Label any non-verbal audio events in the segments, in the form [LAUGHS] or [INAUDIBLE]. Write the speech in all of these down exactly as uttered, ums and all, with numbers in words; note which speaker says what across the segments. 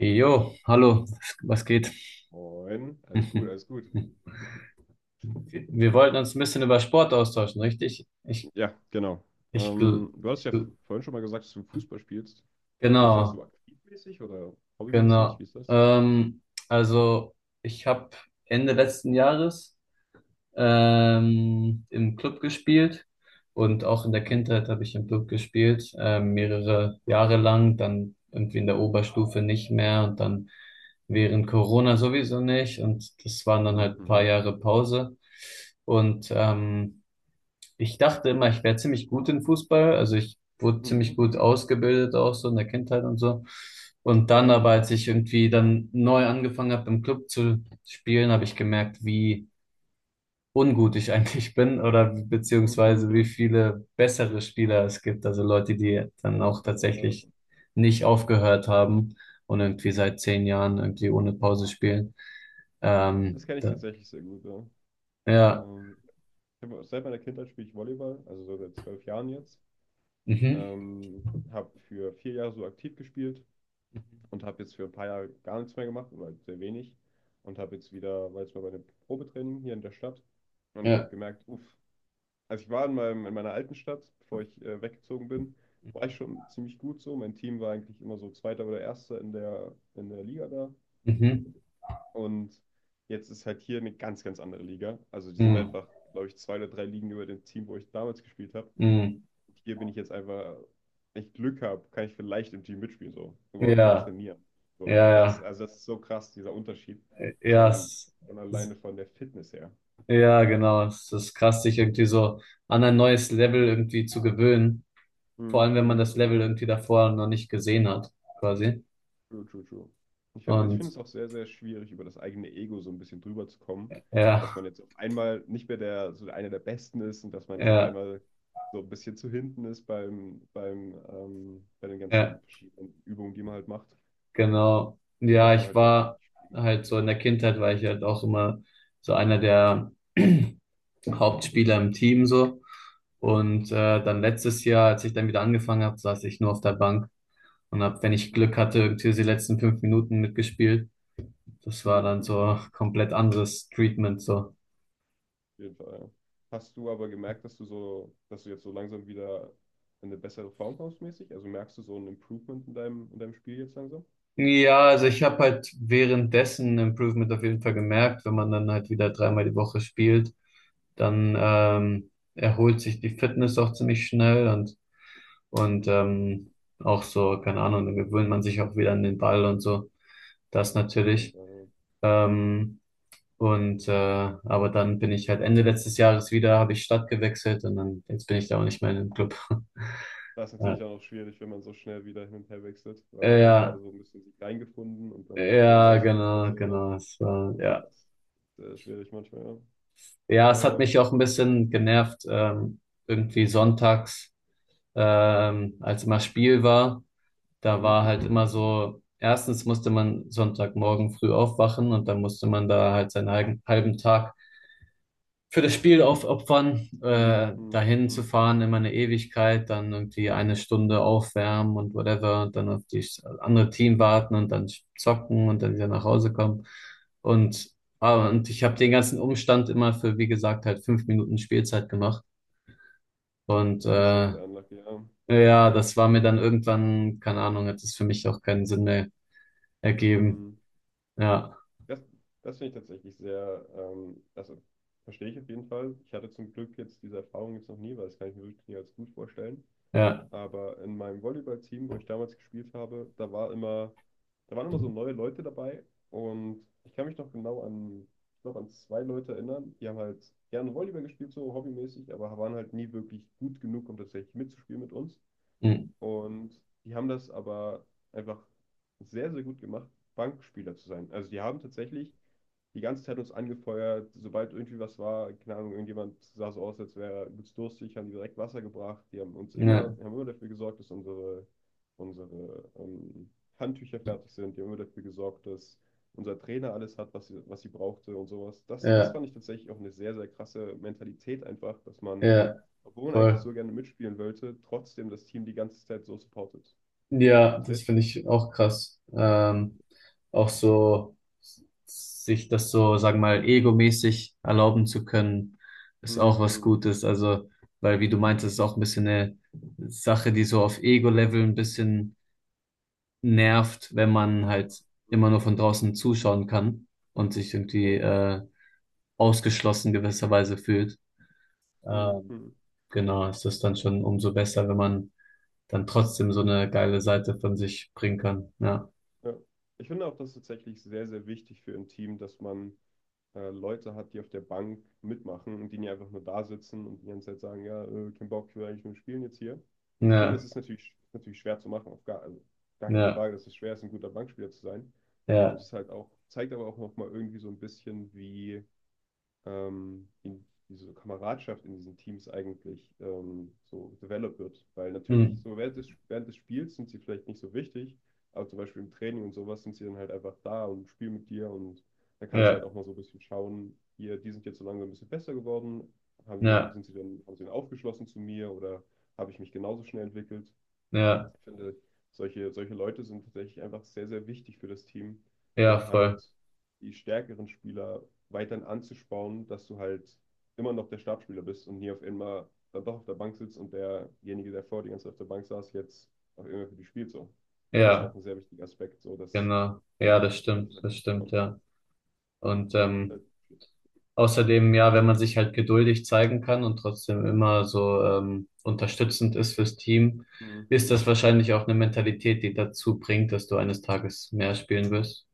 Speaker 1: Jo, hallo, was geht?
Speaker 2: Moin, alles gut, alles
Speaker 1: [LAUGHS]
Speaker 2: gut.
Speaker 1: Wir wollten uns ein bisschen über Sport austauschen, richtig? Ich,
Speaker 2: Ja, genau.
Speaker 1: ich, gl-
Speaker 2: Ähm, du hast
Speaker 1: ich,
Speaker 2: ja
Speaker 1: gl-
Speaker 2: vorhin schon mal gesagt, dass du Fußball spielst. Spielst du das
Speaker 1: genau,
Speaker 2: so aktivmäßig oder hobbymäßig?
Speaker 1: genau.
Speaker 2: Wie ist das?
Speaker 1: Ähm, also, ich habe Ende letzten Jahres ähm, im Club gespielt und auch in der
Speaker 2: Hm?
Speaker 1: Kindheit habe ich im Club gespielt, ähm, mehrere Jahre lang, dann irgendwie in der Oberstufe nicht mehr und dann während Corona sowieso nicht, und das waren dann
Speaker 2: Mhm,
Speaker 1: halt ein paar
Speaker 2: mhm.
Speaker 1: Jahre Pause. Und ähm, ich dachte immer, ich wäre ziemlich gut in Fußball, also ich wurde
Speaker 2: Mhm,
Speaker 1: ziemlich
Speaker 2: mhm,
Speaker 1: gut
Speaker 2: mhm.
Speaker 1: ausgebildet auch so in der Kindheit und so. Und dann
Speaker 2: Ja.
Speaker 1: aber, als ich irgendwie dann neu angefangen habe, im Club zu spielen, habe ich gemerkt, wie ungut ich eigentlich bin, oder
Speaker 2: Mhm,
Speaker 1: beziehungsweise wie
Speaker 2: mhm.
Speaker 1: viele bessere Spieler es gibt. Also Leute, die
Speaker 2: Ja,
Speaker 1: dann auch
Speaker 2: ja, ja.
Speaker 1: tatsächlich nicht aufgehört haben und irgendwie seit zehn Jahren irgendwie ohne Pause spielen.
Speaker 2: Hm. Das
Speaker 1: Ähm,
Speaker 2: kenne ich
Speaker 1: da,
Speaker 2: tatsächlich sehr gut. Ja.
Speaker 1: ja,
Speaker 2: Ähm, Ich hab, seit meiner Kindheit spiele ich Volleyball, also so seit zwölf Jahren jetzt.
Speaker 1: mhm,
Speaker 2: Ähm, Habe für vier Jahre so aktiv gespielt, und habe jetzt für ein paar Jahre gar nichts mehr gemacht oder sehr wenig und habe jetzt wieder, war jetzt mal bei einem Probetraining hier in der Stadt und ich habe
Speaker 1: ja,
Speaker 2: gemerkt, uff, also ich war in meinem, in meiner alten Stadt, bevor ich äh, weggezogen bin, war ich schon ziemlich gut so. Mein Team war eigentlich immer so Zweiter oder Erster in der, in der Liga da
Speaker 1: mhm,
Speaker 2: und jetzt ist halt hier eine ganz, ganz andere Liga. Also die sind
Speaker 1: mhm,
Speaker 2: einfach, glaube ich, zwei oder drei Ligen über dem Team, wo ich damals gespielt habe,
Speaker 1: mhm,
Speaker 2: hier bin ich jetzt einfach, wenn ich Glück habe, kann ich vielleicht im Team mitspielen, so, überhaupt
Speaker 1: ja,
Speaker 2: mittrainieren.
Speaker 1: ja,
Speaker 2: So, das,
Speaker 1: ja,
Speaker 2: also das ist so krass, dieser Unterschied.
Speaker 1: ja,
Speaker 2: Schon,
Speaker 1: es,
Speaker 2: schon
Speaker 1: es,
Speaker 2: alleine von der Fitness her.
Speaker 1: ja,
Speaker 2: So.
Speaker 1: genau. Es ist krass, sich irgendwie so an ein neues Level irgendwie zu gewöhnen. Vor
Speaker 2: Hm,
Speaker 1: allem, wenn man
Speaker 2: hm,
Speaker 1: das
Speaker 2: hm,
Speaker 1: Level
Speaker 2: hm.
Speaker 1: irgendwie davor noch nicht gesehen hat, quasi.
Speaker 2: True, true, true. Ich, find- ich finde
Speaker 1: Und
Speaker 2: es auch sehr, sehr schwierig, über das eigene Ego so ein bisschen drüber zu kommen, dass
Speaker 1: ja,
Speaker 2: man jetzt auf einmal nicht mehr der, so einer der Besten ist und dass man jetzt auf
Speaker 1: ja,
Speaker 2: einmal so ein bisschen zu hinten ist beim, beim, ähm, bei den ganzen
Speaker 1: ja,
Speaker 2: verschiedenen Übungen, die man halt macht.
Speaker 1: genau.
Speaker 2: Und
Speaker 1: Ja,
Speaker 2: dass man
Speaker 1: ich
Speaker 2: halt vielleicht auch
Speaker 1: war
Speaker 2: nicht spielt.
Speaker 1: halt so in der Kindheit, war ich halt auch immer so einer der [CLEARS THROAT] Hauptspieler im Team so.
Speaker 2: Mhm,
Speaker 1: Und
Speaker 2: mhm.
Speaker 1: äh,
Speaker 2: Same,
Speaker 1: dann
Speaker 2: same, same.
Speaker 1: letztes Jahr, als ich dann wieder angefangen habe, saß ich nur auf der Bank und habe, wenn ich Glück
Speaker 2: Mhm,
Speaker 1: hatte,
Speaker 2: mhm,
Speaker 1: irgendwie so die letzten fünf Minuten mitgespielt. Das war
Speaker 2: mhm,
Speaker 1: dann
Speaker 2: mhm.
Speaker 1: so komplett anderes Treatment so.
Speaker 2: Auf jeden Fall. Ja. Hast du aber gemerkt, dass du so, dass du jetzt so langsam wieder in eine bessere Form kommst mäßig? Also merkst du so ein Improvement in deinem, in deinem Spiel jetzt langsam? Auf
Speaker 1: Ja, also ich habe halt währenddessen ein Improvement auf jeden Fall gemerkt. Wenn man dann halt wieder
Speaker 2: Mhm,
Speaker 1: dreimal die Woche spielt, dann ähm, erholt sich die Fitness auch ziemlich schnell, und, und
Speaker 2: mhm, mhm.
Speaker 1: ähm, auch so, keine Ahnung, dann gewöhnt man sich auch wieder an den Ball und so. Das
Speaker 2: Auf jeden
Speaker 1: natürlich.
Speaker 2: Fall, ja.
Speaker 1: Ähm, und äh, aber dann bin ich halt Ende letztes Jahres wieder, habe ich Stadt gewechselt, und dann jetzt bin ich da auch nicht mehr in dem Club.
Speaker 2: Das ist natürlich
Speaker 1: [LAUGHS]
Speaker 2: auch noch schwierig, wenn man so schnell wieder hin und her wechselt, weil
Speaker 1: Ja,
Speaker 2: da hat man gerade
Speaker 1: ja,
Speaker 2: so ein bisschen sich reingefunden und dann direkt wieder ein
Speaker 1: ja,
Speaker 2: neues Umfeld
Speaker 1: genau,
Speaker 2: so.
Speaker 1: genau. Es war,
Speaker 2: Das
Speaker 1: ja.
Speaker 2: ist sehr schwierig manchmal, ja.
Speaker 1: Ja, es hat
Speaker 2: Ähm,
Speaker 1: mich auch ein bisschen genervt, ähm, irgendwie sonntags, ähm, als immer Spiel war. Da
Speaker 2: Mhm,
Speaker 1: war halt
Speaker 2: mhm.
Speaker 1: immer so, erstens musste man Sonntagmorgen früh aufwachen und dann musste man da halt seinen halben halben Tag für das Spiel aufopfern,
Speaker 2: Mhm,
Speaker 1: äh,
Speaker 2: mhm,
Speaker 1: dahin zu
Speaker 2: mhm.
Speaker 1: fahren, immer eine Ewigkeit, dann irgendwie eine Stunde aufwärmen und whatever, und dann auf das andere Team warten, und dann zocken und dann wieder nach Hause kommen. Und, ah, und ich habe den ganzen Umstand immer für, wie gesagt, halt fünf Minuten Spielzeit gemacht. Und
Speaker 2: Natürlich sehr,
Speaker 1: äh,
Speaker 2: sehr unlucky, ja.
Speaker 1: ja, das war mir dann irgendwann, keine Ahnung, hat es für mich auch keinen Sinn mehr ergeben.
Speaker 2: Mhm.
Speaker 1: Ja,
Speaker 2: Das, das finde ich tatsächlich sehr, ähm, also verstehe ich auf jeden Fall. Ich hatte zum Glück jetzt diese Erfahrung jetzt noch nie, weil das kann ich mir wirklich nie als gut vorstellen.
Speaker 1: ja,
Speaker 2: Aber in meinem Volleyballteam, wo ich damals gespielt habe, da war immer, da waren immer so neue Leute dabei und ich kann mich noch genau an, ich glaube, an zwei Leute erinnern, die haben halt gerne Volleyball gespielt, so hobbymäßig, aber waren halt nie wirklich gut genug, um tatsächlich mitzuspielen mit uns.
Speaker 1: mm,
Speaker 2: Und die haben das aber einfach sehr, sehr gut gemacht, Bankspieler zu sein. Also die haben tatsächlich die ganze Zeit uns angefeuert. Sobald irgendwie was war, keine Ahnung, irgendjemand sah so aus, als wäre er übelst durstig, haben die direkt Wasser gebracht. Die haben uns immer,
Speaker 1: ja,
Speaker 2: haben immer dafür gesorgt, dass unsere, unsere ähm, Handtücher fertig sind. Die haben immer dafür gesorgt, dass unser Trainer alles hat, was sie, was sie brauchte und sowas. Das, das
Speaker 1: ja,
Speaker 2: fand ich tatsächlich auch eine sehr, sehr krasse Mentalität einfach, dass man,
Speaker 1: ja,
Speaker 2: obwohl man eigentlich
Speaker 1: voll.
Speaker 2: so gerne mitspielen wollte, trotzdem das Team die ganze Zeit so supportet.
Speaker 1: Ja,
Speaker 2: Das
Speaker 1: das
Speaker 2: heißt,
Speaker 1: finde ich auch krass. Ähm, auch so sich das so, sagen wir mal, egomäßig erlauben zu können, ist auch
Speaker 2: hm,
Speaker 1: was
Speaker 2: hm, hm,
Speaker 1: Gutes. Also, weil, wie du meintest, ist auch ein bisschen eine Sache, die so auf Ego-Level ein bisschen nervt, wenn man halt
Speaker 2: hm,
Speaker 1: immer nur
Speaker 2: hm,
Speaker 1: von draußen zuschauen kann und sich irgendwie
Speaker 2: oh,
Speaker 1: äh, ausgeschlossen gewisserweise fühlt.
Speaker 2: hm,
Speaker 1: Ähm,
Speaker 2: hm.
Speaker 1: genau, ist das dann schon umso besser, wenn man dann trotzdem so eine geile Seite von sich bringen kann. Ja.
Speaker 2: Ja. Ich finde auch, das ist tatsächlich sehr, sehr wichtig für ein Team, dass man äh, Leute hat, die auf der Bank mitmachen und die nicht einfach nur da sitzen und die ganze Zeit sagen, ja, äh, kein Bock, ich will eigentlich nur spielen jetzt hier. Ich finde, das
Speaker 1: Ja,
Speaker 2: ist natürlich, natürlich schwer zu machen, auf gar, also gar keine
Speaker 1: ja,
Speaker 2: Frage, dass es schwer ist, ein guter Bankspieler zu sein. Und
Speaker 1: ja,
Speaker 2: es ist halt auch, zeigt aber auch nochmal irgendwie so ein bisschen, wie ähm, in diese Kameradschaft in diesen Teams eigentlich ähm, so developed wird. Weil natürlich
Speaker 1: hm,
Speaker 2: so während des, während des Spiels sind sie vielleicht nicht so wichtig, aber zum Beispiel im Training und sowas sind sie dann halt einfach da und spielen mit dir und da kannst du halt
Speaker 1: ja,
Speaker 2: auch mal so ein bisschen schauen, hier, die sind jetzt so langsam ein bisschen besser geworden, haben,
Speaker 1: ja,
Speaker 2: sind sie dann, haben sie dann aufgeschlossen zu mir oder habe ich mich genauso schnell entwickelt?
Speaker 1: ja,
Speaker 2: Ich finde, solche, solche Leute sind tatsächlich einfach sehr, sehr wichtig für das Team,
Speaker 1: ja,
Speaker 2: um
Speaker 1: voll.
Speaker 2: halt die stärkeren Spieler weiterhin anzuspornen, dass du halt immer noch der Startspieler bist und nie auf einmal dann doch auf der Bank sitzt und derjenige, der vor dir ganz auf der Bank saß, jetzt auf einmal für dich spielt. So. Das ist auch
Speaker 1: Ja,
Speaker 2: ein sehr wichtiger Aspekt, so dass,
Speaker 1: genau. Ja, das
Speaker 2: dass
Speaker 1: stimmt,
Speaker 2: halt,
Speaker 1: das
Speaker 2: ja,
Speaker 1: stimmt, ja. Und ähm,
Speaker 2: halt,
Speaker 1: außerdem, ja, wenn man sich halt geduldig zeigen kann und trotzdem immer so ähm, unterstützend ist fürs Team,
Speaker 2: hm,
Speaker 1: ist
Speaker 2: hm.
Speaker 1: das wahrscheinlich auch eine Mentalität, die dazu bringt, dass du eines Tages mehr spielen wirst,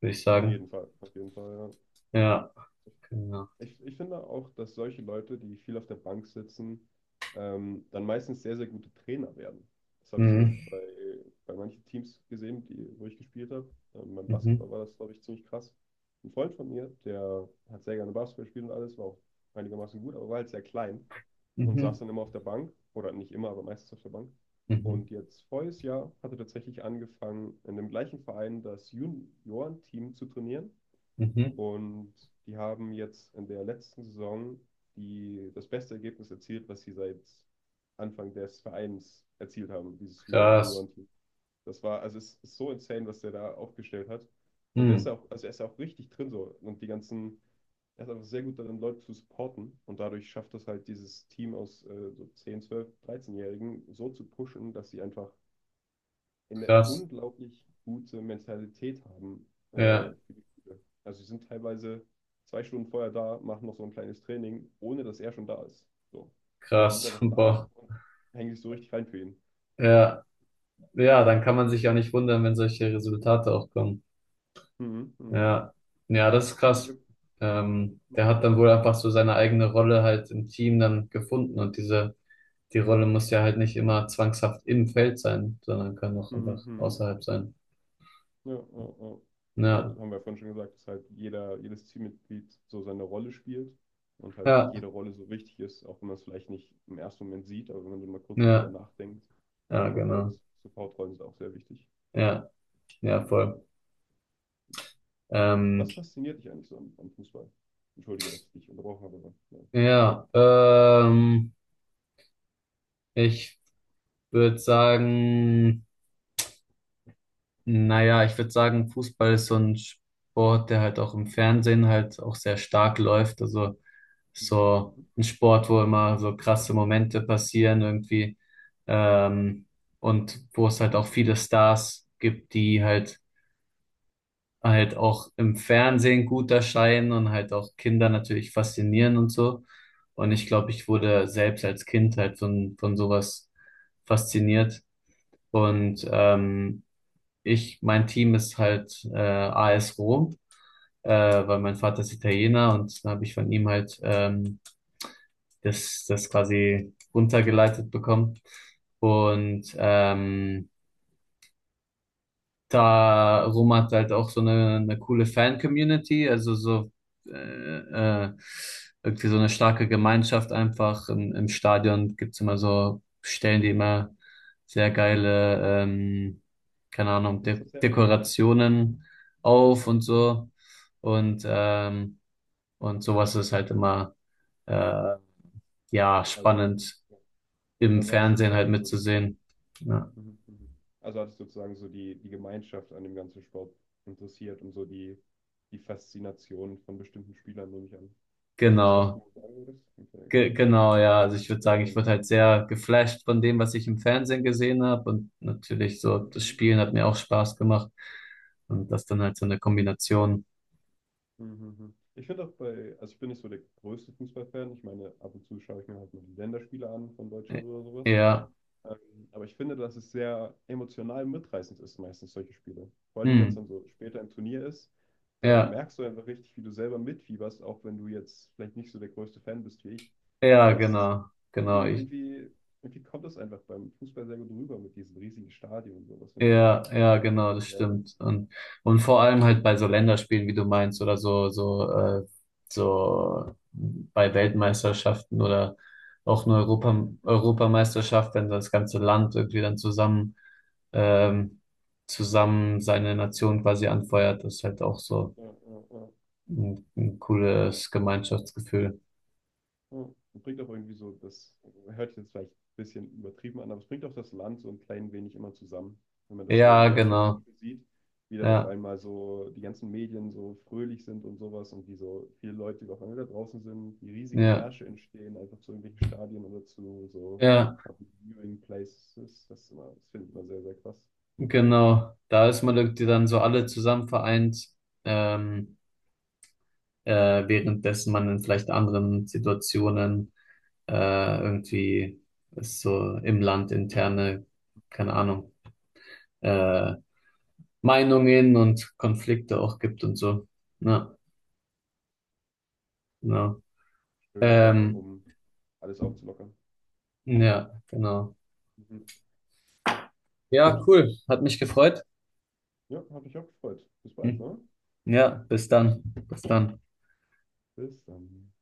Speaker 1: würde ich
Speaker 2: Auf
Speaker 1: sagen.
Speaker 2: jeden Fall, auf jeden Fall, ja.
Speaker 1: Ja, genau.
Speaker 2: Ich, ich finde auch, dass solche Leute, die viel auf der Bank sitzen, ähm, dann meistens sehr, sehr gute Trainer werden. Das habe ich zum
Speaker 1: Mhm,
Speaker 2: Beispiel bei, bei manchen Teams gesehen, die, wo ich gespielt habe. Ähm, beim
Speaker 1: mhm,
Speaker 2: Basketball war das, glaube ich, ziemlich krass. Ein Freund von mir, der hat sehr gerne Basketball gespielt und alles, war auch einigermaßen gut, aber war halt sehr klein und
Speaker 1: mhm,
Speaker 2: saß dann immer auf der Bank, oder nicht immer, aber meistens auf der Bank.
Speaker 1: mhm,
Speaker 2: Und jetzt voriges Jahr hat er tatsächlich angefangen, in dem gleichen Verein das Juniorenteam zu trainieren
Speaker 1: mhm.
Speaker 2: und die haben jetzt in der letzten Saison die, das beste Ergebnis erzielt, was sie seit Anfang des Vereins erzielt haben, dieses Ju-
Speaker 1: Krass.
Speaker 2: Juniorenteam. Das war, also es ist so insane, was der da aufgestellt hat. Und der ist
Speaker 1: Hm.
Speaker 2: ja auch, also er ist ja auch richtig drin so. Und die ganzen, er ist einfach sehr gut darin, Leute zu supporten. Und dadurch schafft das halt, dieses Team aus äh, so zehn, zwölf, dreizehn-Jährigen so zu pushen, dass sie einfach eine
Speaker 1: Krass.
Speaker 2: unglaublich gute Mentalität haben äh,
Speaker 1: Ja,
Speaker 2: für die Spiele. Also sie sind teilweise zwei Stunden vorher da, machen noch so ein kleines Training, ohne dass er schon da ist. So. Also sie sind
Speaker 1: krass. [LAUGHS]
Speaker 2: einfach da
Speaker 1: Boah.
Speaker 2: und hängen sich so richtig rein für ihn.
Speaker 1: Ja, ja, dann kann man sich ja
Speaker 2: Mhm,
Speaker 1: nicht wundern, wenn solche Resultate auch kommen.
Speaker 2: mhm, mhm,
Speaker 1: Ja, ja, das ist krass.
Speaker 2: mhm,
Speaker 1: Ähm, der hat dann wohl einfach so seine eigene Rolle halt im Team dann gefunden, und diese, die Rolle muss ja halt nicht immer zwangshaft im Feld sein, sondern kann auch einfach
Speaker 2: mhm.
Speaker 1: außerhalb sein.
Speaker 2: Ja, ja, ja. Ja,
Speaker 1: Ja,
Speaker 2: das haben wir ja vorhin schon gesagt, dass halt jeder, jedes Teammitglied so seine Rolle spielt und halt
Speaker 1: ja,
Speaker 2: jede Rolle so wichtig ist, auch wenn man es vielleicht nicht im ersten Moment sieht, aber wenn man so mal kurz so drüber
Speaker 1: ja,
Speaker 2: nachdenkt,
Speaker 1: ja,
Speaker 2: merkt man halt,
Speaker 1: genau.
Speaker 2: Supportrollen sind auch sehr wichtig.
Speaker 1: Ja, ja, voll.
Speaker 2: Äh,
Speaker 1: Ähm,
Speaker 2: Was fasziniert dich eigentlich so am, am Fußball? Entschuldige, dass ich dich unterbrochen habe, aber ja.
Speaker 1: ja, ähm, ich würde sagen, Naja, ich würde sagen, Fußball ist so ein Sport, der halt auch im Fernsehen halt auch sehr stark läuft. Also
Speaker 2: Mhm,
Speaker 1: so
Speaker 2: mhm.
Speaker 1: ein Sport, wo immer so krasse Momente passieren irgendwie. Ähm, und wo es halt auch viele Stars gibt, die halt halt auch im Fernsehen gut erscheinen und halt auch Kinder natürlich faszinieren und so. Und ich glaube, ich wurde selbst als Kind halt von, von sowas fasziniert. Und ähm, ich, mein Team ist halt äh, A S Rom, äh, weil mein Vater ist Italiener, und dann habe ich von ihm halt ähm, das, das quasi runtergeleitet bekommen. Und ähm, darum hat halt auch so eine, eine coole Fan-Community, also so äh, äh, irgendwie so eine starke Gemeinschaft einfach. Im, im Stadion gibt's immer so Stellen, die immer sehr geile, ähm, keine Ahnung,
Speaker 2: Jetzt
Speaker 1: De
Speaker 2: das ja, oder?
Speaker 1: Dekorationen
Speaker 2: Ah,
Speaker 1: auf und
Speaker 2: okay.
Speaker 1: so. Und,
Speaker 2: Mhm.
Speaker 1: ähm, und sowas ist halt immer äh, ja
Speaker 2: Also,
Speaker 1: spannend im
Speaker 2: also hatte ich
Speaker 1: Fernsehen halt
Speaker 2: sozusagen so die.
Speaker 1: mitzusehen. Ja,
Speaker 2: Mhm, mhm. Also hat es sozusagen so die, die Gemeinschaft an dem ganzen Sport interessiert und so die, die Faszination von bestimmten Spielern, nehme ich an. Ist das, was du
Speaker 1: genau.
Speaker 2: sagen würdest? Okay, okay,
Speaker 1: Ge
Speaker 2: okay.
Speaker 1: genau, ja. Also ich würde
Speaker 2: Sehr,
Speaker 1: sagen,
Speaker 2: sehr
Speaker 1: ich wurde halt
Speaker 2: interessant.
Speaker 1: sehr geflasht von dem, was ich im Fernsehen gesehen habe. Und natürlich so,
Speaker 2: Mhm,
Speaker 1: das
Speaker 2: mhm,
Speaker 1: Spielen hat mir auch Spaß gemacht. Und das dann halt so eine Kombination.
Speaker 2: mhm, mhm, mhm. Ich finde auch bei, also ich bin nicht so der größte Fußballfan. Ich meine, ab und zu schaue ich mir halt mal die Länderspiele an von
Speaker 1: äh,
Speaker 2: Deutschland oder sowas.
Speaker 1: Ja.
Speaker 2: Ähm, aber ich finde, dass es sehr emotional mitreißend ist, meistens solche Spiele. Vor allem, wenn es
Speaker 1: Hm.
Speaker 2: dann so später im Turnier ist, da
Speaker 1: Ja.
Speaker 2: merkst du einfach richtig, wie du selber mitfieberst, auch wenn du jetzt vielleicht nicht so der größte Fan bist wie ich.
Speaker 1: Ja,
Speaker 2: Aber es ist
Speaker 1: genau. Genau.
Speaker 2: irgendwie,
Speaker 1: Ich,
Speaker 2: irgendwie, irgendwie kommt das einfach beim Fußball sehr gut rüber mit diesem riesigen Stadion und sowas, finde ich.
Speaker 1: Ja, ja,
Speaker 2: Sehr
Speaker 1: genau, das
Speaker 2: viel her.
Speaker 1: stimmt. Und, und vor allem halt bei so Länderspielen, wie du meinst, oder so, so, äh, so bei Weltmeisterschaften oder auch eine Europa
Speaker 2: Mhm.
Speaker 1: Europameisterschaft, wenn das ganze Land irgendwie dann zusammen, ähm, zusammen seine Nation quasi anfeuert, das ist halt auch so
Speaker 2: Ja, ja, ja.
Speaker 1: ein, ein cooles Gemeinschaftsgefühl.
Speaker 2: Ja. Und bringt auch irgendwie so, das hört sich jetzt vielleicht ein bisschen übertrieben an, aber es bringt auch das Land so ein klein wenig immer zusammen. Wenn man das so
Speaker 1: Ja,
Speaker 2: in Deutschland zum
Speaker 1: genau.
Speaker 2: Beispiel sieht, wie dann auf
Speaker 1: Ja,
Speaker 2: einmal so die ganzen Medien so fröhlich sind und sowas und wie so viele Leute die auf einmal da draußen sind, wie riesige
Speaker 1: ja,
Speaker 2: Märsche entstehen, einfach zu irgendwelchen Stadien oder zu so
Speaker 1: ja,
Speaker 2: Public Viewing Places. Das ist immer, das finde ich immer sehr, sehr krass.
Speaker 1: genau. Da ist man irgendwie dann so alle zusammen vereint. Ähm, äh, währenddessen man in vielleicht anderen Situationen äh, irgendwie es so im Land interne, keine Ahnung, äh, Meinungen und Konflikte auch gibt und so. Ja, genau.
Speaker 2: Schöne Sache,
Speaker 1: Ähm,
Speaker 2: um alles aufzulockern.
Speaker 1: ja, genau.
Speaker 2: Mhm. Gut.
Speaker 1: Ja, cool. Hat mich gefreut.
Speaker 2: Ja, hat mich auch gefreut. Bis bald,
Speaker 1: Hm.
Speaker 2: ne?
Speaker 1: Ja, bis dann. Bis dann.
Speaker 2: Bis dann.